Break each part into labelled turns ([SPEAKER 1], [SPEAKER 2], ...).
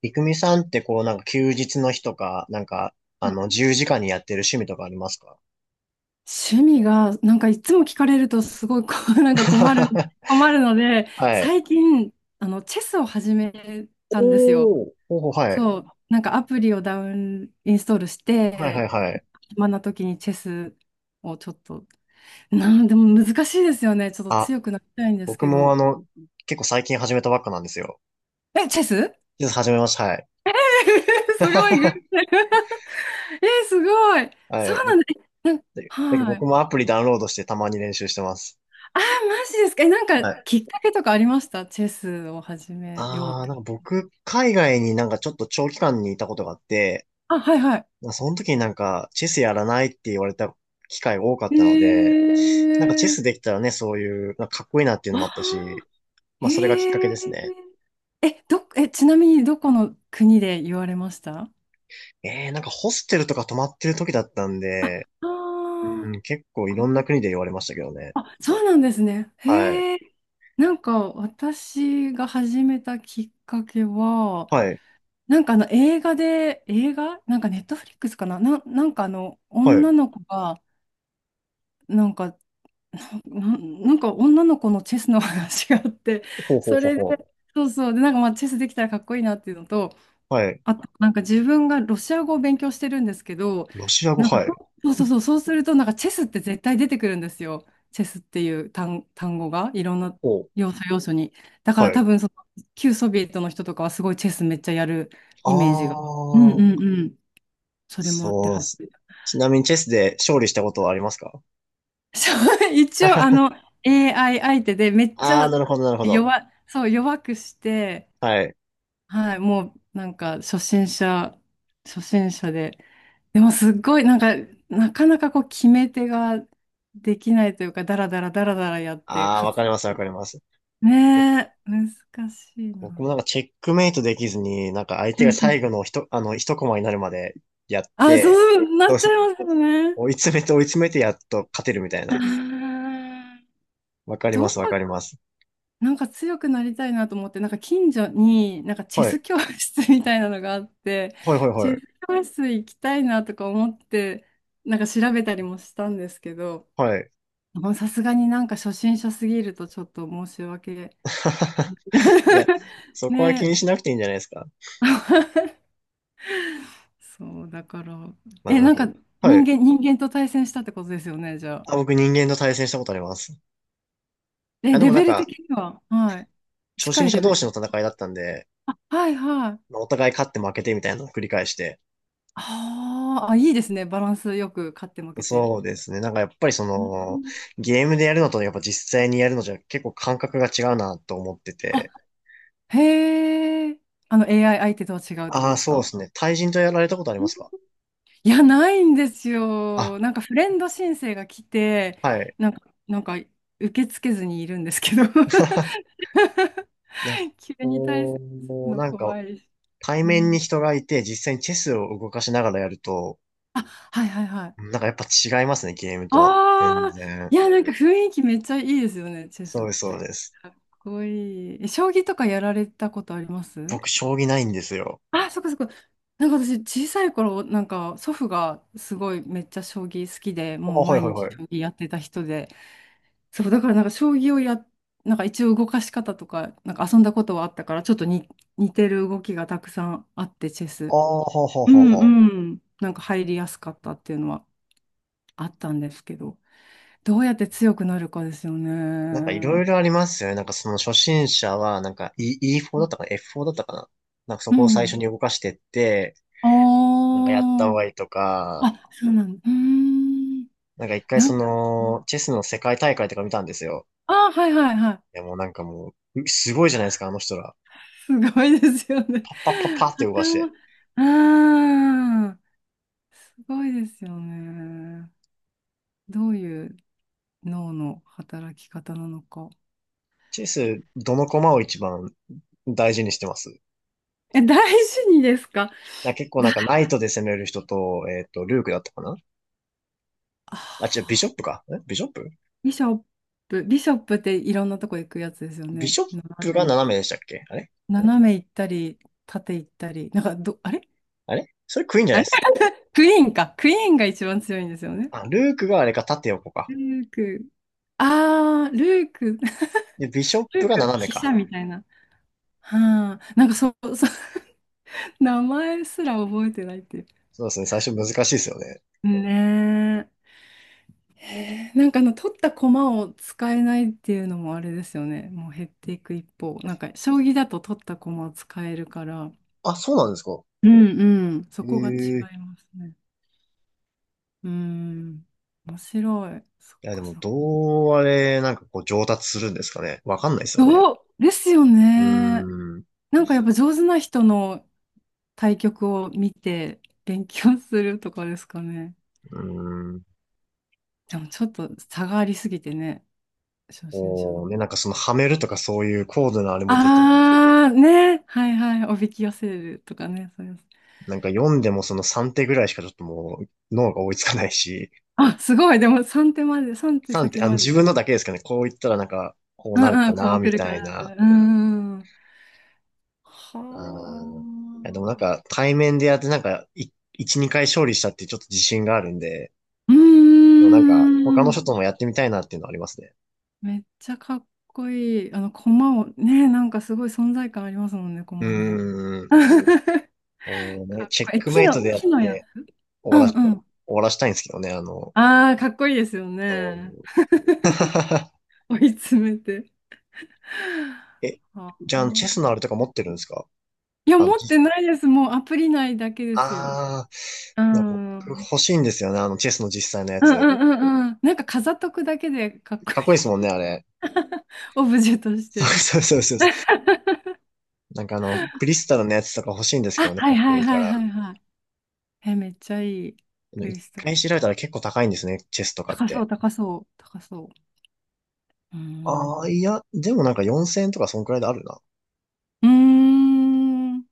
[SPEAKER 1] いくみさんってこう、なんか休日の日とか、なんか、自由時間にやってる趣味とかありますか？
[SPEAKER 2] 趣味が、いつも聞かれるとすごいこう、なんか困るので、
[SPEAKER 1] はい。
[SPEAKER 2] 最近、チェスを始めたんですよ。
[SPEAKER 1] おー、おー、はい。
[SPEAKER 2] そう、なんかアプリをダウン、インストールし
[SPEAKER 1] はいは
[SPEAKER 2] て、
[SPEAKER 1] いはい。
[SPEAKER 2] 暇な時にチェスをちょっと、なんでも難しいですよね。ちょっと
[SPEAKER 1] あ、
[SPEAKER 2] 強くなりたいんです
[SPEAKER 1] 僕
[SPEAKER 2] け
[SPEAKER 1] も
[SPEAKER 2] ど。
[SPEAKER 1] 結構最近始めたばっかなんですよ。
[SPEAKER 2] え、チェス。
[SPEAKER 1] 実は始めました、はい。
[SPEAKER 2] すごい偶 然。 え、すごい。
[SPEAKER 1] は
[SPEAKER 2] そ
[SPEAKER 1] い。
[SPEAKER 2] うなんだ。えなん
[SPEAKER 1] だけど
[SPEAKER 2] は
[SPEAKER 1] 僕
[SPEAKER 2] い。
[SPEAKER 1] もアプリダウンロードしてたまに練習してます。
[SPEAKER 2] あー、マジですか。え、なんか
[SPEAKER 1] はい。
[SPEAKER 2] きっかけとかありました？チェスを始めようって。
[SPEAKER 1] なんか僕、海外になんかちょっと長期間にいたことがあって、
[SPEAKER 2] あ、はいは
[SPEAKER 1] まあ、その時になんか、チェスやらないって言われた機会が多かっ
[SPEAKER 2] い。
[SPEAKER 1] たので、なんかチェ
[SPEAKER 2] へえ。
[SPEAKER 1] ス できたらね、そういう、なんかかっこいいなっていうの
[SPEAKER 2] あ
[SPEAKER 1] もあったし、
[SPEAKER 2] あ、
[SPEAKER 1] まあそれがきっかけ
[SPEAKER 2] へえ。
[SPEAKER 1] ですね。
[SPEAKER 2] え、ちなみにどこの国で言われました？
[SPEAKER 1] なんかホステルとか泊まってる時だったん
[SPEAKER 2] あ、
[SPEAKER 1] で、
[SPEAKER 2] あ
[SPEAKER 1] う
[SPEAKER 2] ー
[SPEAKER 1] ん、結構いろ
[SPEAKER 2] こ
[SPEAKER 1] んな国で言われましたけどね。
[SPEAKER 2] あ、そうなんですね。
[SPEAKER 1] はい。
[SPEAKER 2] へえ。なんか私が始めたきっかけは、
[SPEAKER 1] はい。
[SPEAKER 2] なんかあの映画で、映画なんかネットフリックスかな、なんかあの
[SPEAKER 1] はい。
[SPEAKER 2] 女の子が、なんかなんか女の子のチェスの話があって、
[SPEAKER 1] ほうほう
[SPEAKER 2] そ
[SPEAKER 1] ほう
[SPEAKER 2] れで、
[SPEAKER 1] ほ
[SPEAKER 2] そうそう、で、なんかまあチェスできたらかっこいいなっていうのと、
[SPEAKER 1] う。はい。
[SPEAKER 2] あとなんか自分がロシア語を勉強してるんですけど、
[SPEAKER 1] ロシア語、
[SPEAKER 2] なんか
[SPEAKER 1] はい。
[SPEAKER 2] そうそうそうそう、そうするとなんかチェスって絶対出てくるんですよ。チェスっていう単語がいろんな
[SPEAKER 1] ほう。
[SPEAKER 2] 要素要素に。だか
[SPEAKER 1] は
[SPEAKER 2] ら
[SPEAKER 1] い。
[SPEAKER 2] 多分その旧ソビエトの人とかはすごいチェスめっちゃやる
[SPEAKER 1] あ
[SPEAKER 2] イメージが。うんうん
[SPEAKER 1] ー、
[SPEAKER 2] うん。それもあって、
[SPEAKER 1] そうっ
[SPEAKER 2] はい。
[SPEAKER 1] す。ちなみにチェスで勝利したことはありますか？
[SPEAKER 2] そう、一応、あの、AI 相手でめっち
[SPEAKER 1] あー、
[SPEAKER 2] ゃ
[SPEAKER 1] なるほど、なるほど。
[SPEAKER 2] 弱、そう、弱くして、
[SPEAKER 1] はい。
[SPEAKER 2] はい、もう、なんか、初心者で、でも、すっごい、なんか、なかなかこう、決め手ができないというか、だらだらだらだらやって、
[SPEAKER 1] あー、
[SPEAKER 2] 勝
[SPEAKER 1] わか
[SPEAKER 2] つ、
[SPEAKER 1] ります、わかります。
[SPEAKER 2] ねえ、難しい
[SPEAKER 1] 僕
[SPEAKER 2] な。
[SPEAKER 1] もなんかチェックメイトできずに、なんか相手
[SPEAKER 2] う
[SPEAKER 1] が
[SPEAKER 2] んうん。
[SPEAKER 1] 最後の一、あの、一コマになるまでやっ
[SPEAKER 2] あ、そ
[SPEAKER 1] て、
[SPEAKER 2] う、な
[SPEAKER 1] ど
[SPEAKER 2] っ
[SPEAKER 1] う
[SPEAKER 2] ちゃ
[SPEAKER 1] し
[SPEAKER 2] いますよね。
[SPEAKER 1] 追い詰めて追い詰めて、やっと勝てるみたい
[SPEAKER 2] あ
[SPEAKER 1] な。
[SPEAKER 2] ー
[SPEAKER 1] わかりま
[SPEAKER 2] ど
[SPEAKER 1] す、わ
[SPEAKER 2] こ
[SPEAKER 1] かります。
[SPEAKER 2] なんか強くなりたいなと思って、なんか近所になんかチェ
[SPEAKER 1] はい。
[SPEAKER 2] ス教室みたいなのがあって、
[SPEAKER 1] はい、はい、
[SPEAKER 2] チ
[SPEAKER 1] は
[SPEAKER 2] ェ
[SPEAKER 1] い。
[SPEAKER 2] ス教室行きたいなとか思って、なんか調べたりもしたんですけど、
[SPEAKER 1] はい。
[SPEAKER 2] まあさすがになんか初心者すぎるとちょっと申し訳。
[SPEAKER 1] いや、そこは気
[SPEAKER 2] ね。
[SPEAKER 1] にしなくていいんじゃないですか？
[SPEAKER 2] そう、だから。
[SPEAKER 1] まあ、
[SPEAKER 2] え、
[SPEAKER 1] なん
[SPEAKER 2] なん
[SPEAKER 1] か、
[SPEAKER 2] か
[SPEAKER 1] はい。
[SPEAKER 2] 人間と対戦したってことですよね、じゃあ。
[SPEAKER 1] あ、僕人間と対戦したことあります。あ、
[SPEAKER 2] え、
[SPEAKER 1] で
[SPEAKER 2] レ
[SPEAKER 1] もなん
[SPEAKER 2] ベル
[SPEAKER 1] か、
[SPEAKER 2] 的には、はい。
[SPEAKER 1] 初
[SPEAKER 2] 近
[SPEAKER 1] 心
[SPEAKER 2] い
[SPEAKER 1] 者
[SPEAKER 2] レ
[SPEAKER 1] 同
[SPEAKER 2] ベル。
[SPEAKER 1] 士の戦いだったんで、
[SPEAKER 2] はいはい。
[SPEAKER 1] まあお互い勝って負けてみたいなのを繰り返して、
[SPEAKER 2] あーあ、いいですね。バランスよく勝って負けて。
[SPEAKER 1] そうですね。なんかやっぱりそ
[SPEAKER 2] う
[SPEAKER 1] の、
[SPEAKER 2] ん
[SPEAKER 1] ゲームでやるのとねやっぱ実際にやるのじゃ結構感覚が違うなと思って
[SPEAKER 2] あ、
[SPEAKER 1] て。
[SPEAKER 2] へえ。あの AI 相手とは違うってこ
[SPEAKER 1] あ
[SPEAKER 2] と
[SPEAKER 1] あ、
[SPEAKER 2] です
[SPEAKER 1] そうで
[SPEAKER 2] か？
[SPEAKER 1] すね。対人とやられたことありますか？
[SPEAKER 2] いや、ないんですよ。
[SPEAKER 1] あ、
[SPEAKER 2] なんかフレンド申請が来て、
[SPEAKER 1] はい。
[SPEAKER 2] なんか、なんか受け付けずにいるんですけど。
[SPEAKER 1] いや、
[SPEAKER 2] 急に対す
[SPEAKER 1] こ
[SPEAKER 2] る
[SPEAKER 1] う、
[SPEAKER 2] の
[SPEAKER 1] なんか
[SPEAKER 2] 怖いし。
[SPEAKER 1] 対
[SPEAKER 2] う
[SPEAKER 1] 面に
[SPEAKER 2] ん、
[SPEAKER 1] 人がいて実際にチェスを動かしながらやると、
[SPEAKER 2] あ、はいはいはい。
[SPEAKER 1] なんかやっぱ違いますね、ゲームと。全
[SPEAKER 2] ああ、
[SPEAKER 1] 然。
[SPEAKER 2] いや、なんか雰囲気めっちゃいいですよね、チェス
[SPEAKER 1] そ
[SPEAKER 2] っ
[SPEAKER 1] うです、そう
[SPEAKER 2] て。
[SPEAKER 1] です。
[SPEAKER 2] かっこいい。え将棋とかやられたことあります？
[SPEAKER 1] 僕、将棋ないんですよ。
[SPEAKER 2] あ、そっかそっか。なんか私、小さい頃、なんか祖父がすごいめっちゃ将棋好きで、
[SPEAKER 1] あ、
[SPEAKER 2] もう
[SPEAKER 1] はい
[SPEAKER 2] 毎
[SPEAKER 1] はいは
[SPEAKER 2] 日
[SPEAKER 1] い。
[SPEAKER 2] 将棋やってた人で、そう、だからなんか将棋をや、なんか一応動かし方とか、なんか遊んだことはあったから、ちょっとに似てる動きがたくさんあって、チェ
[SPEAKER 1] あ
[SPEAKER 2] ス。
[SPEAKER 1] あ、ほうほう
[SPEAKER 2] う
[SPEAKER 1] ほう
[SPEAKER 2] ん
[SPEAKER 1] ほう。
[SPEAKER 2] うん。なんか入りやすかったっていうのはあったんですけど、どうやって強くなるかですよ
[SPEAKER 1] なんかいろ
[SPEAKER 2] ね。
[SPEAKER 1] いろありますよね。なんかその初心者は、なんか E、ォ4だったかな？ F4 だったかな？なんかそ
[SPEAKER 2] う
[SPEAKER 1] こを最初
[SPEAKER 2] ん。
[SPEAKER 1] に動かしてって、
[SPEAKER 2] あ
[SPEAKER 1] なんかやった方がいいと
[SPEAKER 2] あ、
[SPEAKER 1] か、
[SPEAKER 2] あ、そうなんだ。うーん。
[SPEAKER 1] なんか一回
[SPEAKER 2] な
[SPEAKER 1] そ
[SPEAKER 2] ん
[SPEAKER 1] の、チェスの世界大会とか見たんですよ。
[SPEAKER 2] ああ、はいはいはい。
[SPEAKER 1] いやもうなんかもう、すごいじゃないですか、あの人ら。
[SPEAKER 2] すごいですよね。
[SPEAKER 1] パッパッパッパっ て動かし
[SPEAKER 2] 頭、
[SPEAKER 1] て。
[SPEAKER 2] ああ、すごいですよね。どういう脳の働き方なのか。
[SPEAKER 1] チェス、どの駒を一番大事にしてます？
[SPEAKER 2] え、大事にですか？
[SPEAKER 1] なんか結構
[SPEAKER 2] だ、
[SPEAKER 1] なんかナイトで攻める人と、ルークだったかな？
[SPEAKER 2] あ
[SPEAKER 1] あ、違う、ビショップ
[SPEAKER 2] ー
[SPEAKER 1] か。ビショップ、
[SPEAKER 2] ビショップ、ビショップっていろんなとこ行くやつですよ
[SPEAKER 1] ビ
[SPEAKER 2] ね。
[SPEAKER 1] ショッ
[SPEAKER 2] 斜
[SPEAKER 1] プが
[SPEAKER 2] め行っ
[SPEAKER 1] 斜
[SPEAKER 2] た
[SPEAKER 1] め
[SPEAKER 2] り。
[SPEAKER 1] でしたっけ、あれ？
[SPEAKER 2] 斜め行ったり、縦行ったり。なんかど、あれ
[SPEAKER 1] あれ、それクイーンじゃな
[SPEAKER 2] あ
[SPEAKER 1] い
[SPEAKER 2] れ。
[SPEAKER 1] です？
[SPEAKER 2] クイーンか。クイーンが一番強いんですよね。
[SPEAKER 1] あ、ルークがあれか、縦横か。
[SPEAKER 2] ルーク。ああ、ルーク。
[SPEAKER 1] で、ビショッ
[SPEAKER 2] ル
[SPEAKER 1] プ
[SPEAKER 2] ー
[SPEAKER 1] が
[SPEAKER 2] ク、
[SPEAKER 1] 斜め
[SPEAKER 2] 飛車
[SPEAKER 1] か。
[SPEAKER 2] みたいな。はあ、なんかそう、そう。 名前すら覚えてないっていう。
[SPEAKER 1] そうですね、最初難しいですよね。
[SPEAKER 2] ねえ。へえなんかあの取った駒を使えないっていうのもあれですよね。もう減っていく一方。なんか将棋だと取った駒を使えるから。
[SPEAKER 1] あ、そうなんですか？
[SPEAKER 2] うんうん。そこが違
[SPEAKER 1] ええ、
[SPEAKER 2] いますね。うん。面白い。そっ
[SPEAKER 1] いや、で
[SPEAKER 2] か
[SPEAKER 1] も、
[SPEAKER 2] そっか。
[SPEAKER 1] どうあれ、なんかこう、上達するんですかね？わかんないですよね。
[SPEAKER 2] どうですよ
[SPEAKER 1] う
[SPEAKER 2] ね。
[SPEAKER 1] ーん、う
[SPEAKER 2] なんかやっぱ上手な人の対局を見て勉強するとかですかね。
[SPEAKER 1] ーん。
[SPEAKER 2] でもちょっと差がありすぎてね。初心者だ。
[SPEAKER 1] こうね、なんかその、はめるとかそういう高度なあれもできないし。
[SPEAKER 2] あー、ね。はいはい。おびき寄せるとかね。そうです。
[SPEAKER 1] なんか読んでもその3手ぐらいしかちょっともう、脳が追いつかないし。
[SPEAKER 2] あ、すごい。でも三手まで、3手
[SPEAKER 1] 3
[SPEAKER 2] 先
[SPEAKER 1] 手、
[SPEAKER 2] ま
[SPEAKER 1] 自分
[SPEAKER 2] で。
[SPEAKER 1] のだけですかね。こう言ったらなんか、こ
[SPEAKER 2] う
[SPEAKER 1] うなる
[SPEAKER 2] んう
[SPEAKER 1] か
[SPEAKER 2] ん、こ
[SPEAKER 1] な、
[SPEAKER 2] う来
[SPEAKER 1] み
[SPEAKER 2] るか
[SPEAKER 1] たい
[SPEAKER 2] ら、こう。
[SPEAKER 1] な。
[SPEAKER 2] うんうん。は
[SPEAKER 1] うん。いや、でもなん
[SPEAKER 2] あ。
[SPEAKER 1] か、対面でやってなんか、一、二回勝利したってちょっと自信があるんで、
[SPEAKER 2] うー
[SPEAKER 1] でもなんか、他の
[SPEAKER 2] ん。
[SPEAKER 1] 人ともやってみたいなっていうのはありますね。
[SPEAKER 2] めっちゃかっこいい。あの、駒を、ね、なんかすごい存在感ありますもんね、
[SPEAKER 1] う
[SPEAKER 2] 駒ね。
[SPEAKER 1] ーん。こうね、
[SPEAKER 2] かっ
[SPEAKER 1] チェッ
[SPEAKER 2] こいい。
[SPEAKER 1] ク
[SPEAKER 2] 木
[SPEAKER 1] メイト
[SPEAKER 2] の、
[SPEAKER 1] でやっ
[SPEAKER 2] 木のや。
[SPEAKER 1] て
[SPEAKER 2] うんう
[SPEAKER 1] 終
[SPEAKER 2] ん。
[SPEAKER 1] わらしたいんですけどね、
[SPEAKER 2] ああ、かっこいいですよ
[SPEAKER 1] うん。
[SPEAKER 2] ね。追い詰めて。
[SPEAKER 1] え、
[SPEAKER 2] はあ
[SPEAKER 1] じゃあ、チェスのあれとか持ってるんですか？
[SPEAKER 2] いや、
[SPEAKER 1] あの、
[SPEAKER 2] 持って
[SPEAKER 1] 実
[SPEAKER 2] ないです。もうアプリ内だけですよ。
[SPEAKER 1] あ
[SPEAKER 2] う
[SPEAKER 1] ー、なんか僕
[SPEAKER 2] ん。うん
[SPEAKER 1] 欲しいんですよね、チェスの実際のや
[SPEAKER 2] うんう
[SPEAKER 1] つ。
[SPEAKER 2] んうん。なんか飾っとくだけでかっこい
[SPEAKER 1] かっこいいで
[SPEAKER 2] い。
[SPEAKER 1] すもんね、あれ。
[SPEAKER 2] オブジェとし
[SPEAKER 1] そう
[SPEAKER 2] て。
[SPEAKER 1] そうそうそう。なんかクリスタルのやつとか欲しいんですけ
[SPEAKER 2] あ、
[SPEAKER 1] どね、
[SPEAKER 2] は
[SPEAKER 1] か
[SPEAKER 2] い
[SPEAKER 1] っこ
[SPEAKER 2] は
[SPEAKER 1] い
[SPEAKER 2] い
[SPEAKER 1] いか
[SPEAKER 2] はいは
[SPEAKER 1] ら。
[SPEAKER 2] いはい。え、めっちゃいい。クリ
[SPEAKER 1] 一
[SPEAKER 2] スタ
[SPEAKER 1] 回
[SPEAKER 2] ル。
[SPEAKER 1] 調べたら結構高いんですね、チェスとかっ
[SPEAKER 2] 高そう、
[SPEAKER 1] て。
[SPEAKER 2] 高そう、高そう。うー
[SPEAKER 1] ああ、
[SPEAKER 2] ん。
[SPEAKER 1] いや、でもなんか4000円とかそんくらいであるな。
[SPEAKER 2] うーん。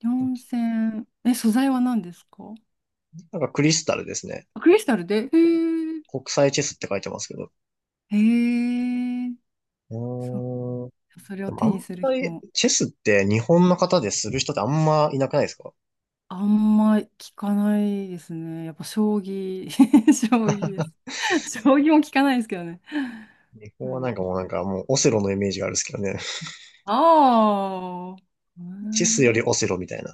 [SPEAKER 2] 4000。え、素材は何ですか？
[SPEAKER 1] なんかクリスタルですね。
[SPEAKER 2] あクリスタルでへえ。
[SPEAKER 1] 国際チェスって書いてますけど。
[SPEAKER 2] へえ。
[SPEAKER 1] う
[SPEAKER 2] そう。
[SPEAKER 1] ーん。
[SPEAKER 2] それ
[SPEAKER 1] で
[SPEAKER 2] を
[SPEAKER 1] も
[SPEAKER 2] 手
[SPEAKER 1] あ
[SPEAKER 2] に
[SPEAKER 1] ん
[SPEAKER 2] する
[SPEAKER 1] ま
[SPEAKER 2] 日
[SPEAKER 1] り、
[SPEAKER 2] も。
[SPEAKER 1] チェスって日本の方でする人ってあんまいなくないですか？
[SPEAKER 2] あんま聞かないですね。やっぱ将棋、将棋です。将棋も聞かないですけどね。
[SPEAKER 1] 日
[SPEAKER 2] う
[SPEAKER 1] 本はなん
[SPEAKER 2] ん、
[SPEAKER 1] かもうなんかもうオセロのイメージがあるんですけどね。
[SPEAKER 2] ああ、う
[SPEAKER 1] チェスより
[SPEAKER 2] ん、
[SPEAKER 1] オセロみたいな。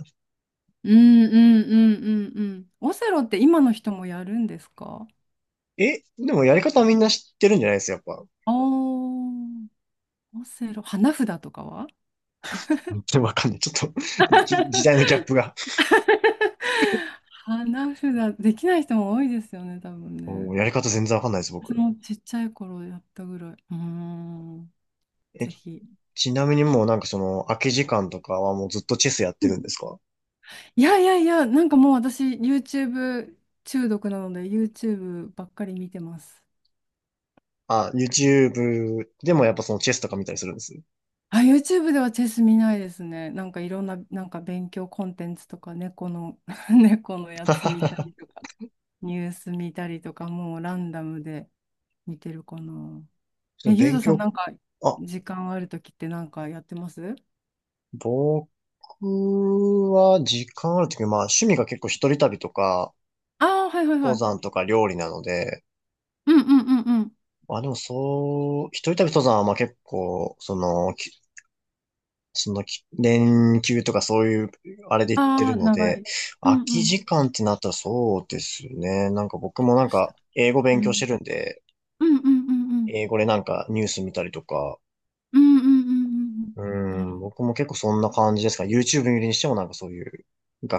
[SPEAKER 2] うんうんうんうんうん。オセロって今の人もやるんですか？
[SPEAKER 1] え、でもやり方はみんな知ってるんじゃないですか、やっぱ？
[SPEAKER 2] ああー、オセロ、花札とかは。
[SPEAKER 1] でもわかんない。ちょっと 時代のギャップが。
[SPEAKER 2] 花札、できない人も多いですよね、多分
[SPEAKER 1] もう
[SPEAKER 2] ね。
[SPEAKER 1] やり方全然わかんないです、
[SPEAKER 2] 私
[SPEAKER 1] 僕。
[SPEAKER 2] もちっちゃい頃やったぐらい。うーん、
[SPEAKER 1] え、
[SPEAKER 2] ぜひ。
[SPEAKER 1] ちなみにもうなんかその空き時間とかはもうずっとチェスやってるんですか？
[SPEAKER 2] いやいやいや、なんかもう私 YouTube 中毒なので YouTube ばっかり見てます。
[SPEAKER 1] あ、YouTube でもやっぱそのチェスとか見たりするんです？
[SPEAKER 2] あ、YouTube ではチェス見ないですね。なんかいろんな、なんか勉強コンテンツとか猫の 猫のやつ見たりと か、ニュース見たりとか、もうランダムで見てるかな。
[SPEAKER 1] そ
[SPEAKER 2] え、
[SPEAKER 1] の
[SPEAKER 2] ゆう
[SPEAKER 1] 勉
[SPEAKER 2] とさん
[SPEAKER 1] 強、
[SPEAKER 2] なんか
[SPEAKER 1] あ、
[SPEAKER 2] 時間あるときってなんかやってます？
[SPEAKER 1] 僕は時間あるとき、まあ趣味が結構一人旅とか、
[SPEAKER 2] ああー、はいはいは
[SPEAKER 1] 登
[SPEAKER 2] い。
[SPEAKER 1] 山とか料理なので、
[SPEAKER 2] うんうんうんうん。
[SPEAKER 1] まあでもそう、一人旅登山はまあ結構、その、その連休とかそういう、あれで行って
[SPEAKER 2] あ
[SPEAKER 1] る
[SPEAKER 2] あ、
[SPEAKER 1] の
[SPEAKER 2] 長
[SPEAKER 1] で、
[SPEAKER 2] い。う
[SPEAKER 1] 空
[SPEAKER 2] ん
[SPEAKER 1] き
[SPEAKER 2] うん。ち
[SPEAKER 1] 時間ってなったらそうですね。なんか僕
[SPEAKER 2] ょっ
[SPEAKER 1] もなん
[SPEAKER 2] とし
[SPEAKER 1] か
[SPEAKER 2] た。
[SPEAKER 1] 英語
[SPEAKER 2] う
[SPEAKER 1] 勉強し
[SPEAKER 2] ん。
[SPEAKER 1] てるんで、
[SPEAKER 2] うんうんうんうん。
[SPEAKER 1] 英語でなんかニュース見たりとか、
[SPEAKER 2] うんうんうんうんうん。
[SPEAKER 1] う
[SPEAKER 2] なる
[SPEAKER 1] ん、
[SPEAKER 2] ほど。
[SPEAKER 1] 僕も結構そんな感じですか？YouTube 見るにしてもなんかそういう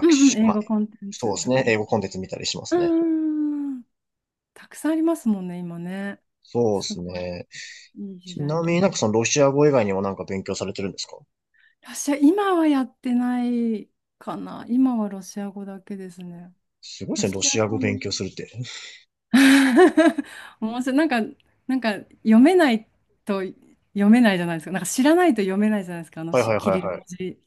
[SPEAKER 2] うんうん、
[SPEAKER 1] 習、
[SPEAKER 2] 映
[SPEAKER 1] まあ、
[SPEAKER 2] 画コンテン
[SPEAKER 1] そう
[SPEAKER 2] ツ
[SPEAKER 1] です
[SPEAKER 2] とか
[SPEAKER 1] ね。
[SPEAKER 2] ね。
[SPEAKER 1] 英語コンテンツ見たりしま
[SPEAKER 2] う
[SPEAKER 1] すね。
[SPEAKER 2] ん。たくさんありますもんね、今ね。
[SPEAKER 1] そうで
[SPEAKER 2] す
[SPEAKER 1] す
[SPEAKER 2] ごい。
[SPEAKER 1] ね。
[SPEAKER 2] いい時
[SPEAKER 1] ちな
[SPEAKER 2] 代。
[SPEAKER 1] みになんかそのロシア語以外にもなんか勉強されてるんですか？
[SPEAKER 2] ロシア、今はやってないかな。今はロシア語だけですね。
[SPEAKER 1] すごいで
[SPEAKER 2] ロ
[SPEAKER 1] すね。ロ
[SPEAKER 2] シア
[SPEAKER 1] シア語
[SPEAKER 2] 語
[SPEAKER 1] 勉
[SPEAKER 2] の。
[SPEAKER 1] 強するって。
[SPEAKER 2] 面白い。なんか、なんか読めないと読めないじゃないですか。なんか知らないと読めないじゃないですか。あの
[SPEAKER 1] はい
[SPEAKER 2] し
[SPEAKER 1] はい
[SPEAKER 2] キ
[SPEAKER 1] はい
[SPEAKER 2] リル
[SPEAKER 1] は
[SPEAKER 2] 文
[SPEAKER 1] い。
[SPEAKER 2] 字。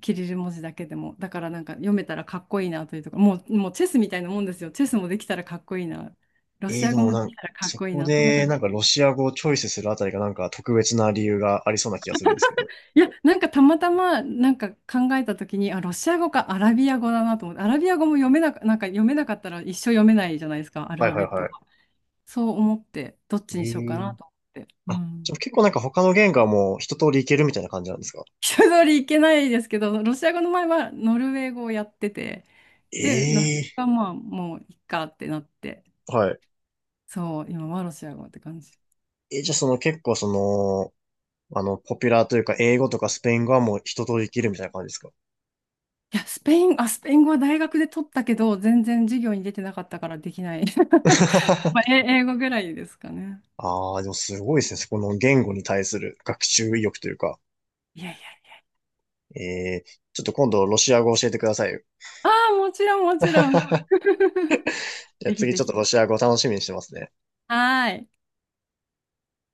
[SPEAKER 2] キリル文字だけでも。だからなんか読めたらかっこいいなというとか、もう、もうチェスみたいなもんですよ。チェスもできたらかっこいいな。ロシア
[SPEAKER 1] で
[SPEAKER 2] 語
[SPEAKER 1] も
[SPEAKER 2] もで
[SPEAKER 1] なん
[SPEAKER 2] き
[SPEAKER 1] か、
[SPEAKER 2] たらかっ
[SPEAKER 1] そ
[SPEAKER 2] こいい
[SPEAKER 1] こ
[SPEAKER 2] な。そんな
[SPEAKER 1] で
[SPEAKER 2] 感
[SPEAKER 1] な
[SPEAKER 2] じ。
[SPEAKER 1] んかロシア語をチョイスするあたりがなんか特別な理由がありそうな気がするんですけど。
[SPEAKER 2] いや、なんかたまたまなんか考えたときに、あ、ロシア語かアラビア語だなと思って、アラビア語も読めなか、なんか読めなかったら一生読めないじゃないですか、アル
[SPEAKER 1] は
[SPEAKER 2] フ
[SPEAKER 1] い
[SPEAKER 2] ァ
[SPEAKER 1] はい
[SPEAKER 2] ベット
[SPEAKER 1] は
[SPEAKER 2] が。
[SPEAKER 1] い。
[SPEAKER 2] そう思って、どっ
[SPEAKER 1] え
[SPEAKER 2] ちにしようかな
[SPEAKER 1] ー、
[SPEAKER 2] と思って。う
[SPEAKER 1] あ、じ
[SPEAKER 2] ん。
[SPEAKER 1] ゃあ結構なんか他の言語はもう一通りいけるみたいな感じなんですか？
[SPEAKER 2] 一通りいけないですけど、ロシア語の前はノルウェー語をやってて、で、ノルウェー
[SPEAKER 1] え
[SPEAKER 2] 語
[SPEAKER 1] え
[SPEAKER 2] がまあもういっかってなって。
[SPEAKER 1] はい。
[SPEAKER 2] そう、今はロシア語って感じ。
[SPEAKER 1] え、じゃあその結構その、ポピュラーというか、英語とかスペイン語はもう一通りできるみたいな感じですか？
[SPEAKER 2] いや、スペイン、あ、スペイン語は大学で取ったけど、全然授業に出てなかったからできない。まあ、え英語ぐらいですかね。
[SPEAKER 1] ああ、でもすごいですね。そこの言語に対する学習意欲というか。
[SPEAKER 2] いやいや。
[SPEAKER 1] ええ、ちょっと今度ロシア語教えてくださいよ。
[SPEAKER 2] ああ、もちろん、もちろん。
[SPEAKER 1] じゃあ
[SPEAKER 2] ぜひ
[SPEAKER 1] 次
[SPEAKER 2] ぜ
[SPEAKER 1] ちょっと
[SPEAKER 2] ひ。
[SPEAKER 1] ロシア語楽しみにしてますね。
[SPEAKER 2] はーい。